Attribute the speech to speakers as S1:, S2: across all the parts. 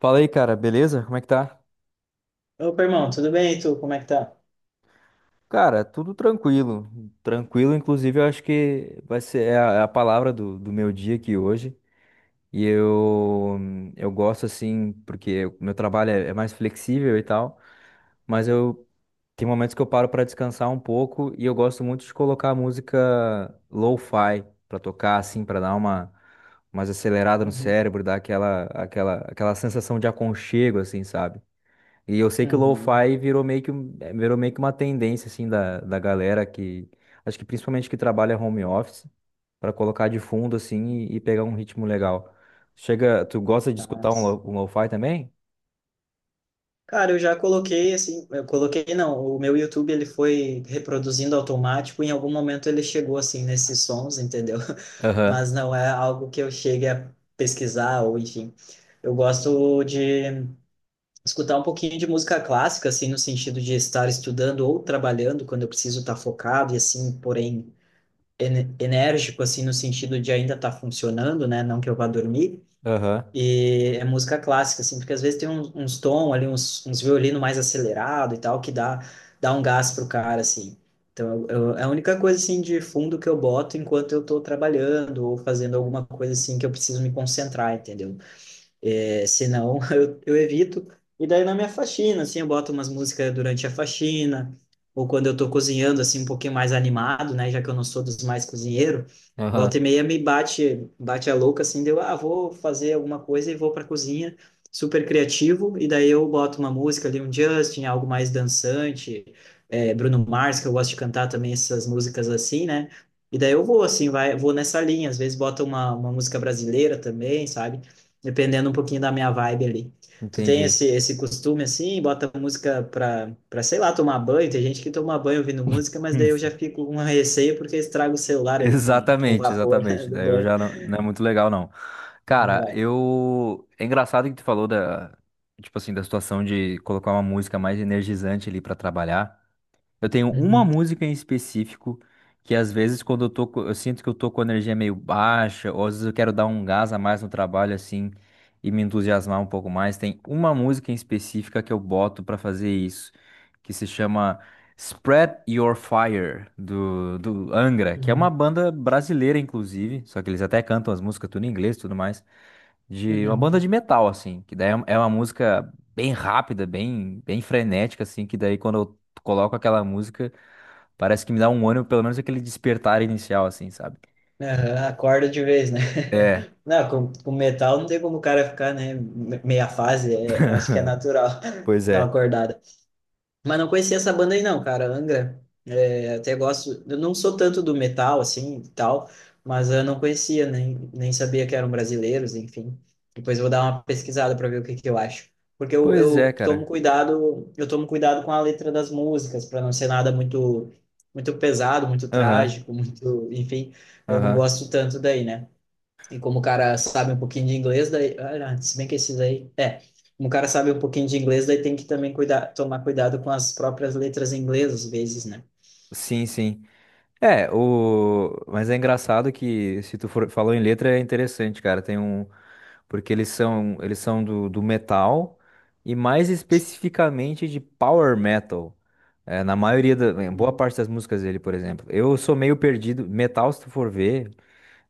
S1: Fala aí, cara, beleza? Como é que tá?
S2: Opa, irmão, tudo bem? E tu, como é que tá?
S1: Cara, tudo tranquilo. Tranquilo, inclusive, eu acho que vai ser a palavra do meu dia aqui hoje. E eu, eu gosto assim, porque o meu trabalho é mais flexível e tal, mas eu tem momentos que eu paro pra descansar um pouco e eu gosto muito de colocar música lo-fi pra tocar assim, pra dar uma mais acelerada no
S2: Uhum.
S1: cérebro, dar aquela sensação de aconchego assim, sabe? E eu sei que o
S2: Uhum.
S1: lo-fi virou meio que, virou meio que uma tendência, assim, da galera que... Acho que principalmente que trabalha home office, para colocar de fundo, assim, e pegar um ritmo legal. Chega... Tu gosta de
S2: Ah,
S1: escutar
S2: sim.
S1: um lo-fi também?
S2: Cara, eu já coloquei, assim, eu coloquei, não, o meu YouTube, ele foi reproduzindo automático, em algum momento ele chegou, assim, nesses sons, entendeu?
S1: Aham,
S2: Mas não é algo que eu chegue a pesquisar, ou enfim. Eu gosto de escutar um pouquinho de música clássica, assim, no sentido de estar estudando ou trabalhando, quando eu preciso estar focado, e assim, porém, enérgico, assim, no sentido de ainda estar funcionando, né? Não que eu vá dormir.
S1: aham,
S2: E é música clássica, assim, porque às vezes tem uns, uns tom ali, uns, uns violino mais acelerado e tal, que dá, dá um gás pro cara, assim. Então, eu, é a única coisa, assim, de fundo que eu boto enquanto eu tô trabalhando ou fazendo alguma coisa, assim, que eu preciso me concentrar, entendeu? É, senão eu evito. E daí na minha faxina, assim, eu boto umas músicas durante a faxina, ou quando eu tô cozinhando, assim, um pouquinho mais animado, né? Já que eu não sou dos mais cozinheiro, volta e
S1: aham.
S2: meia me bate, bate a louca, assim, deu, ah, vou fazer alguma coisa e vou pra cozinha, super criativo, e daí eu boto uma música ali, um Justin, algo mais dançante, Bruno Mars, que eu gosto de cantar também essas músicas assim, né? E daí eu vou, assim, vou nessa linha, às vezes bota uma música brasileira também, sabe? Dependendo um pouquinho da minha vibe ali. Tu tem
S1: Entendi.
S2: esse, esse costume assim, bota música pra, pra, sei lá, tomar banho. Tem gente que toma banho ouvindo música, mas daí eu já fico com uma receio porque estraga o celular ali com o
S1: Exatamente,
S2: vapor
S1: exatamente.
S2: do
S1: Daí eu
S2: banho.
S1: já não, não é muito legal, não.
S2: Não
S1: Cara,
S2: vai.
S1: eu. É engraçado que tu falou da. Tipo assim, da situação de colocar uma música mais energizante ali pra trabalhar. Eu tenho uma
S2: Uhum,
S1: música em específico que às vezes quando eu tô, eu sinto que eu tô com a energia meio baixa, ou às vezes eu quero dar um gás a mais no trabalho assim e me entusiasmar um pouco mais. Tem uma música em específica que eu boto pra fazer isso, que se chama Spread Your Fire do Angra, que é uma
S2: uhum,
S1: banda brasileira inclusive, só que eles até cantam as músicas tudo em inglês, e tudo mais, de uma banda
S2: uhum.
S1: de metal assim, que daí é uma música bem rápida, bem frenética assim, que daí quando eu coloco aquela música, parece que me dá um ânimo, pelo menos aquele despertar inicial, assim, sabe?
S2: Aham, acorda de vez, né?
S1: É,
S2: Não, com metal não tem como o cara ficar, né? Meia fase, acho que é natural
S1: pois
S2: dar uma
S1: é.
S2: acordada. Mas não conhecia essa banda aí não, cara, Angra. É, até gosto, eu não sou tanto do metal assim e tal, mas eu não conhecia, nem, nem sabia que eram brasileiros, enfim. Depois eu vou dar uma pesquisada para ver o que que eu acho. Porque eu,
S1: Pois é,
S2: eu tomo
S1: cara.
S2: cuidado, eu tomo cuidado com a letra das músicas, para não ser nada muito muito pesado, muito
S1: Aham,
S2: trágico, muito, enfim, eu não
S1: aham.
S2: gosto tanto daí, né? E como o cara sabe um pouquinho de inglês, daí, olha, se bem que esses aí, como o cara sabe um pouquinho de inglês, daí tem que também cuidar, tomar cuidado com as próprias letras em inglês, às vezes, né?
S1: Sim, sim. É, o... mas é engraçado que se tu for... falou em letra é interessante, cara. Tem um. Porque eles são do metal e mais especificamente de power metal. É, na maioria da. Em boa
S2: Uhum.
S1: parte das músicas dele, por exemplo. Eu sou meio perdido. Metal, se tu for ver,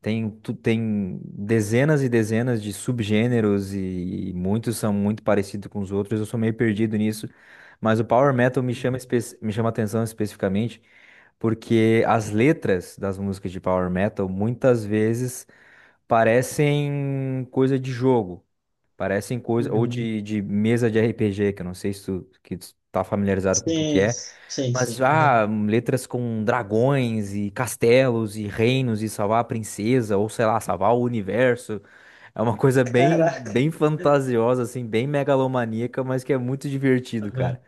S1: tem, tem dezenas e dezenas de subgêneros e muitos são muito parecidos com os outros. Eu sou meio perdido nisso, mas o Power Metal me chama, me chama atenção especificamente porque as letras das músicas de Power Metal muitas vezes parecem coisa de jogo, parecem coisa ou
S2: Uhum.
S1: de mesa de RPG, que eu não sei se tu, que tu tá familiarizado com o que que
S2: Sim,
S1: é.
S2: sim,
S1: Mas
S2: sim.
S1: já
S2: Uhum.
S1: letras com dragões e castelos e reinos e salvar a princesa, ou sei lá, salvar o universo. É uma coisa bem,
S2: Caraca.
S1: bem fantasiosa, assim, bem megalomaníaca, mas que é muito divertido, cara.
S2: Uhum.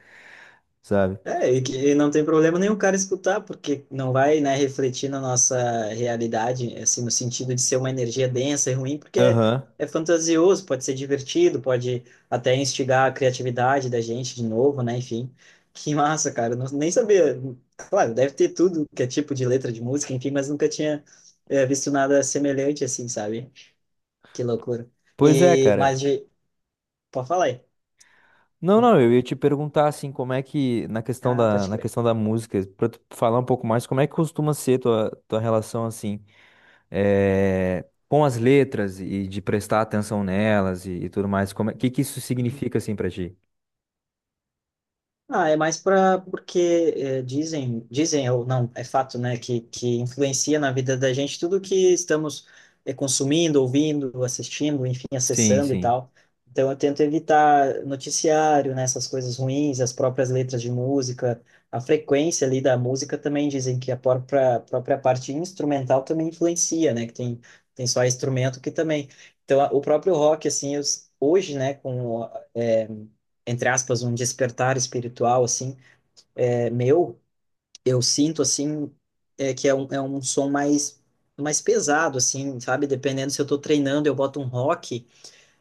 S1: Sabe?
S2: É, e que e não tem problema nenhum o cara escutar, porque não vai, né, refletir na nossa realidade, assim, no sentido de ser uma energia densa e ruim, porque é,
S1: Aham.
S2: é fantasioso, pode ser divertido, pode até instigar a criatividade da gente de novo, né, enfim. Que massa, cara, eu não, nem sabia. Claro, deve ter tudo que é tipo de letra de música, enfim, mas nunca tinha visto nada semelhante assim, sabe? Que loucura.
S1: Pois é,
S2: E,
S1: cara.
S2: mas de... Pode falar aí.
S1: Não, não, eu ia te perguntar assim, como é que,
S2: Ah, pode
S1: na
S2: crer.
S1: questão da música, pra tu falar um pouco mais, como é que costuma ser tua, tua relação assim, com as letras e de prestar atenção nelas e tudo mais, como é, que isso significa assim pra ti?
S2: Ah, é mais para porque dizem, dizem ou não, é fato, né, que influencia na vida da gente tudo que estamos consumindo, ouvindo, assistindo, enfim,
S1: Sim,
S2: acessando e
S1: sim.
S2: tal. Então eu tento evitar noticiário, né, essas coisas ruins, as próprias letras de música, a frequência ali da música também dizem que a própria, própria parte instrumental também influencia, né, que tem, tem só instrumento que também. Então o próprio rock, assim, eu hoje, né, com... entre aspas, um despertar espiritual, assim, é, meu, eu sinto, assim, é, que é um som mais, mais pesado, assim, sabe? Dependendo se eu tô treinando, eu boto um rock,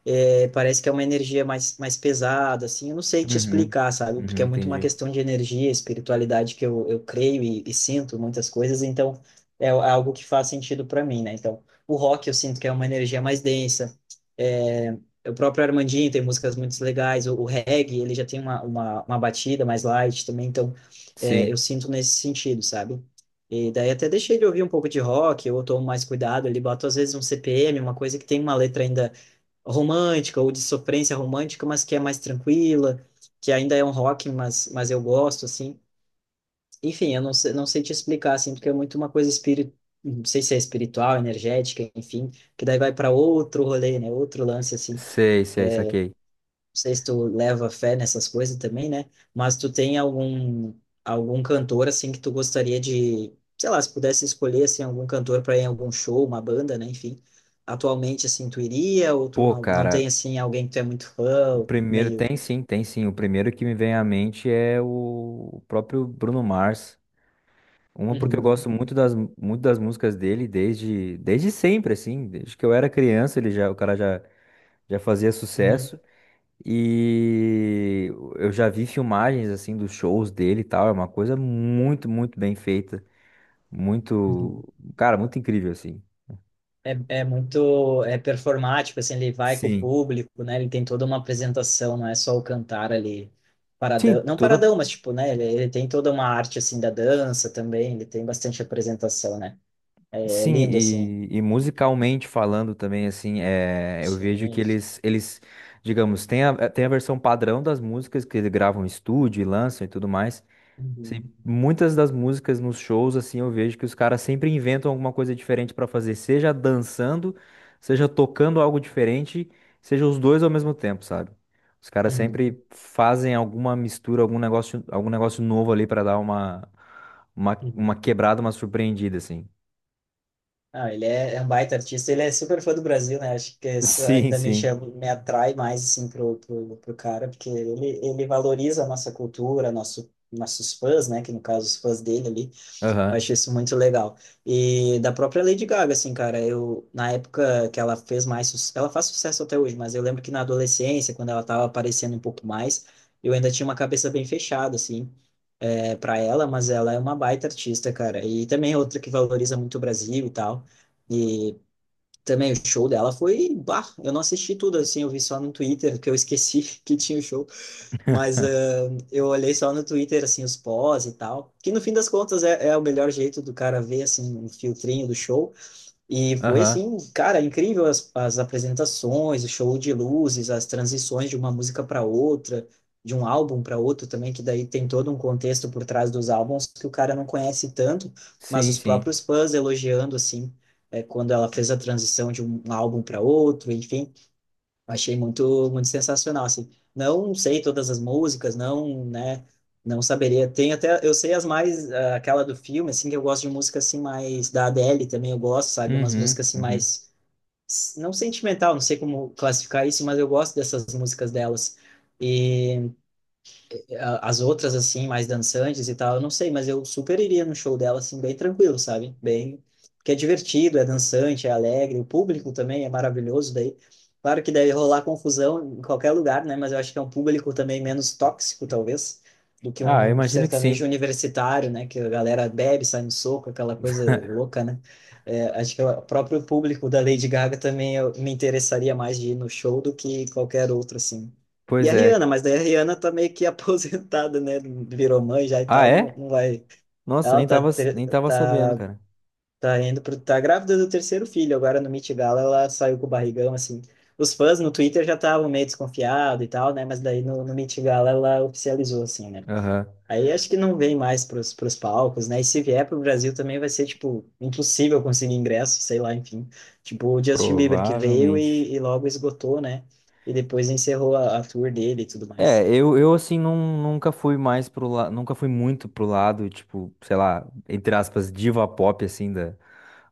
S2: é, parece que é uma energia mais, mais pesada, assim, eu não sei te
S1: Uhum.
S2: explicar, sabe? Porque
S1: Uhum,
S2: é muito uma
S1: entendi.
S2: questão de energia, espiritualidade que eu creio e sinto muitas coisas, então é é algo que faz sentido para mim, né? Então, o rock eu sinto que é uma energia mais densa, é, o próprio Armandinho tem músicas muito legais, o reggae, ele já tem uma batida mais light também, então é, eu
S1: Sim.
S2: sinto nesse sentido, sabe? E daí até deixei de ouvir um pouco de rock, eu tomo mais cuidado ali, boto às vezes um CPM, uma coisa que tem uma letra ainda romântica ou de sofrência romântica, mas que é mais tranquila, que ainda é um rock, mas eu gosto, assim. Enfim, eu não sei, não sei te explicar, assim, porque é muito uma coisa espírita, não sei se é espiritual, energética, enfim, que daí vai para outro rolê, né? Outro lance, assim
S1: Sei, sei, saquei.
S2: sei se tu leva fé nessas coisas também, né? Mas tu tem algum algum cantor assim que tu gostaria de, sei lá, se pudesse escolher assim algum cantor para ir em algum show, uma banda, né? Enfim, atualmente assim tu iria ou tu
S1: Pô,
S2: não, não tem
S1: cara,
S2: assim alguém que tu é muito
S1: o
S2: fã,
S1: primeiro.
S2: meio.
S1: Tem sim, tem sim. O primeiro que me vem à mente é o próprio Bruno Mars. Uma porque eu
S2: Uhum,
S1: gosto muito das músicas dele desde, desde sempre, assim. Desde que eu era criança, ele já, o cara já, já fazia
S2: uhum,
S1: sucesso. E eu já vi filmagens, assim, dos shows dele e tal. É uma coisa muito, muito bem feita. Muito.
S2: uhum.
S1: Cara, muito incrível, assim.
S2: É, é muito é performático, assim, ele vai com o
S1: Sim.
S2: público, né? Ele tem toda uma apresentação, não é só o cantar ali paradão,
S1: Sim,
S2: não
S1: toda.
S2: paradão, mas tipo, né? Ele tem toda uma arte assim da dança também, ele tem bastante apresentação, né? É, é
S1: Sim,
S2: lindo assim.
S1: e musicalmente falando também, assim, é, eu vejo que
S2: Sim, sim.
S1: eles, digamos, tem a, tem a versão padrão das músicas que eles gravam em estúdio e lançam e tudo mais. Sim,
S2: Uhum.
S1: muitas das músicas nos shows, assim, eu vejo que os caras sempre inventam alguma coisa diferente pra fazer, seja dançando, seja tocando algo diferente, seja os dois ao mesmo tempo, sabe? Os caras
S2: Uhum.
S1: sempre fazem alguma mistura, algum negócio novo ali pra dar uma, uma
S2: Uhum.
S1: quebrada, uma surpreendida, assim.
S2: Ah, ele é, é um baita artista, ele é super fã do Brasil, né? Acho que isso
S1: Sim,
S2: ainda me
S1: sim.
S2: chama, me atrai mais assim pro, pro, pro cara, porque ele valoriza a nossa cultura, nosso, nossos fãs, né? Que no caso os fãs dele ali. Eu
S1: Aham.
S2: achei isso muito legal. E da própria Lady Gaga, assim, cara, eu, na época que ela fez mais, ela faz sucesso até hoje, mas eu lembro que na adolescência, quando ela tava aparecendo um pouco mais, eu ainda tinha uma cabeça bem fechada, assim, é, para ela, mas ela é uma baita artista, cara. E também é outra que valoriza muito o Brasil e tal. E também o show dela foi, bah, eu não assisti tudo, assim, eu vi só no Twitter, que eu esqueci que tinha o show, mas ah, eu olhei só no Twitter, assim, os pós e tal, que no fim das contas é o melhor jeito do cara ver, assim, um filtrinho do show. E foi,
S1: Aham.
S2: assim, cara, incrível as, as apresentações, o show de luzes, as transições de uma música para outra, de um álbum para outro também, que daí tem todo um contexto por trás dos álbuns que o cara não conhece tanto, mas
S1: Sim,
S2: os
S1: sim.
S2: próprios fãs elogiando, assim, é, quando ela fez a transição de um álbum para outro, enfim. Achei muito, muito sensacional, assim. Não sei todas as músicas, não, né, não saberia. Tem até, eu sei as mais, ah, aquela do filme, assim, que eu gosto de música, assim, mais da Adele também, eu gosto, sabe? Umas
S1: Uhum,
S2: músicas, assim,
S1: uhum.
S2: mais, não sentimental, não sei como classificar isso, mas eu gosto dessas músicas delas. E as outras, assim, mais dançantes e tal, eu não sei, mas eu super iria no show dela, assim, bem tranquilo, sabe? Bem, porque é divertido, é dançante, é alegre, o público também é maravilhoso daí. Claro que deve rolar confusão em qualquer lugar, né? Mas eu acho que é um público também menos tóxico, talvez, do que
S1: Ah, eu
S2: um
S1: imagino que sim.
S2: sertanejo universitário, né? Que a galera bebe, sai no soco, aquela coisa louca, né? É, acho que o próprio público da Lady Gaga também eu me interessaria mais de ir no show do que qualquer outro, assim. E
S1: Pois
S2: a
S1: é.
S2: Rihanna, mas daí a Rihanna tá meio que aposentada, né? Virou mãe já e
S1: Ah,
S2: tal, não,
S1: é?
S2: não vai.
S1: Nossa,
S2: Ela
S1: nem
S2: tá,
S1: tava,
S2: ter-
S1: nem tava sabendo,
S2: tá,
S1: cara.
S2: tá indo pro, tá grávida do terceiro filho, agora no Met Gala ela saiu com o barrigão, assim. Os fãs no Twitter já estavam meio desconfiados e tal, né? Mas daí no, no Met Gala ela oficializou, assim, né?
S1: Aham.
S2: Aí acho que não vem mais pros, pros palcos, né? E se vier pro Brasil também vai ser, tipo, impossível conseguir ingresso, sei lá, enfim. Tipo, o Justin Bieber que veio
S1: Provavelmente.
S2: e logo esgotou, né? E depois encerrou a tour dele e tudo
S1: É,
S2: mais.
S1: eu assim não nunca fui mais pro lado, nunca fui muito pro lado, tipo, sei lá, entre aspas, diva pop assim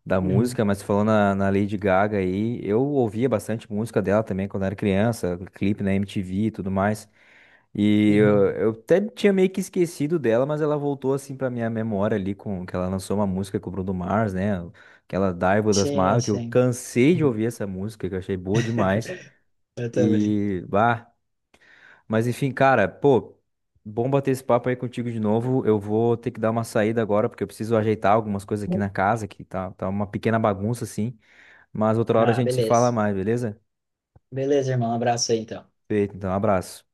S1: da
S2: Uhum,
S1: música, mas falando na Lady Gaga aí, eu ouvia bastante música dela também quando era criança, clipe na MTV e tudo mais. E eu,
S2: uhum.
S1: eu até tinha meio que esquecido dela, mas ela voltou assim pra minha memória ali com que ela lançou uma música com o Bruno Mars, né? Aquela Dive with a
S2: Sim,
S1: Smile, que eu
S2: sim.
S1: cansei de
S2: Uhum.
S1: ouvir essa música, que eu achei boa demais.
S2: Eu também.
S1: E, bah, mas enfim, cara, pô, bom bater esse papo aí contigo de novo. Eu vou ter que dar uma saída agora, porque eu preciso ajeitar algumas coisas aqui na casa, que tá, tá uma pequena bagunça, assim. Mas outra hora a
S2: Ah,
S1: gente se fala
S2: beleza.
S1: mais, beleza?
S2: Beleza, irmão. Um abraço aí, então.
S1: Feito, então, abraço.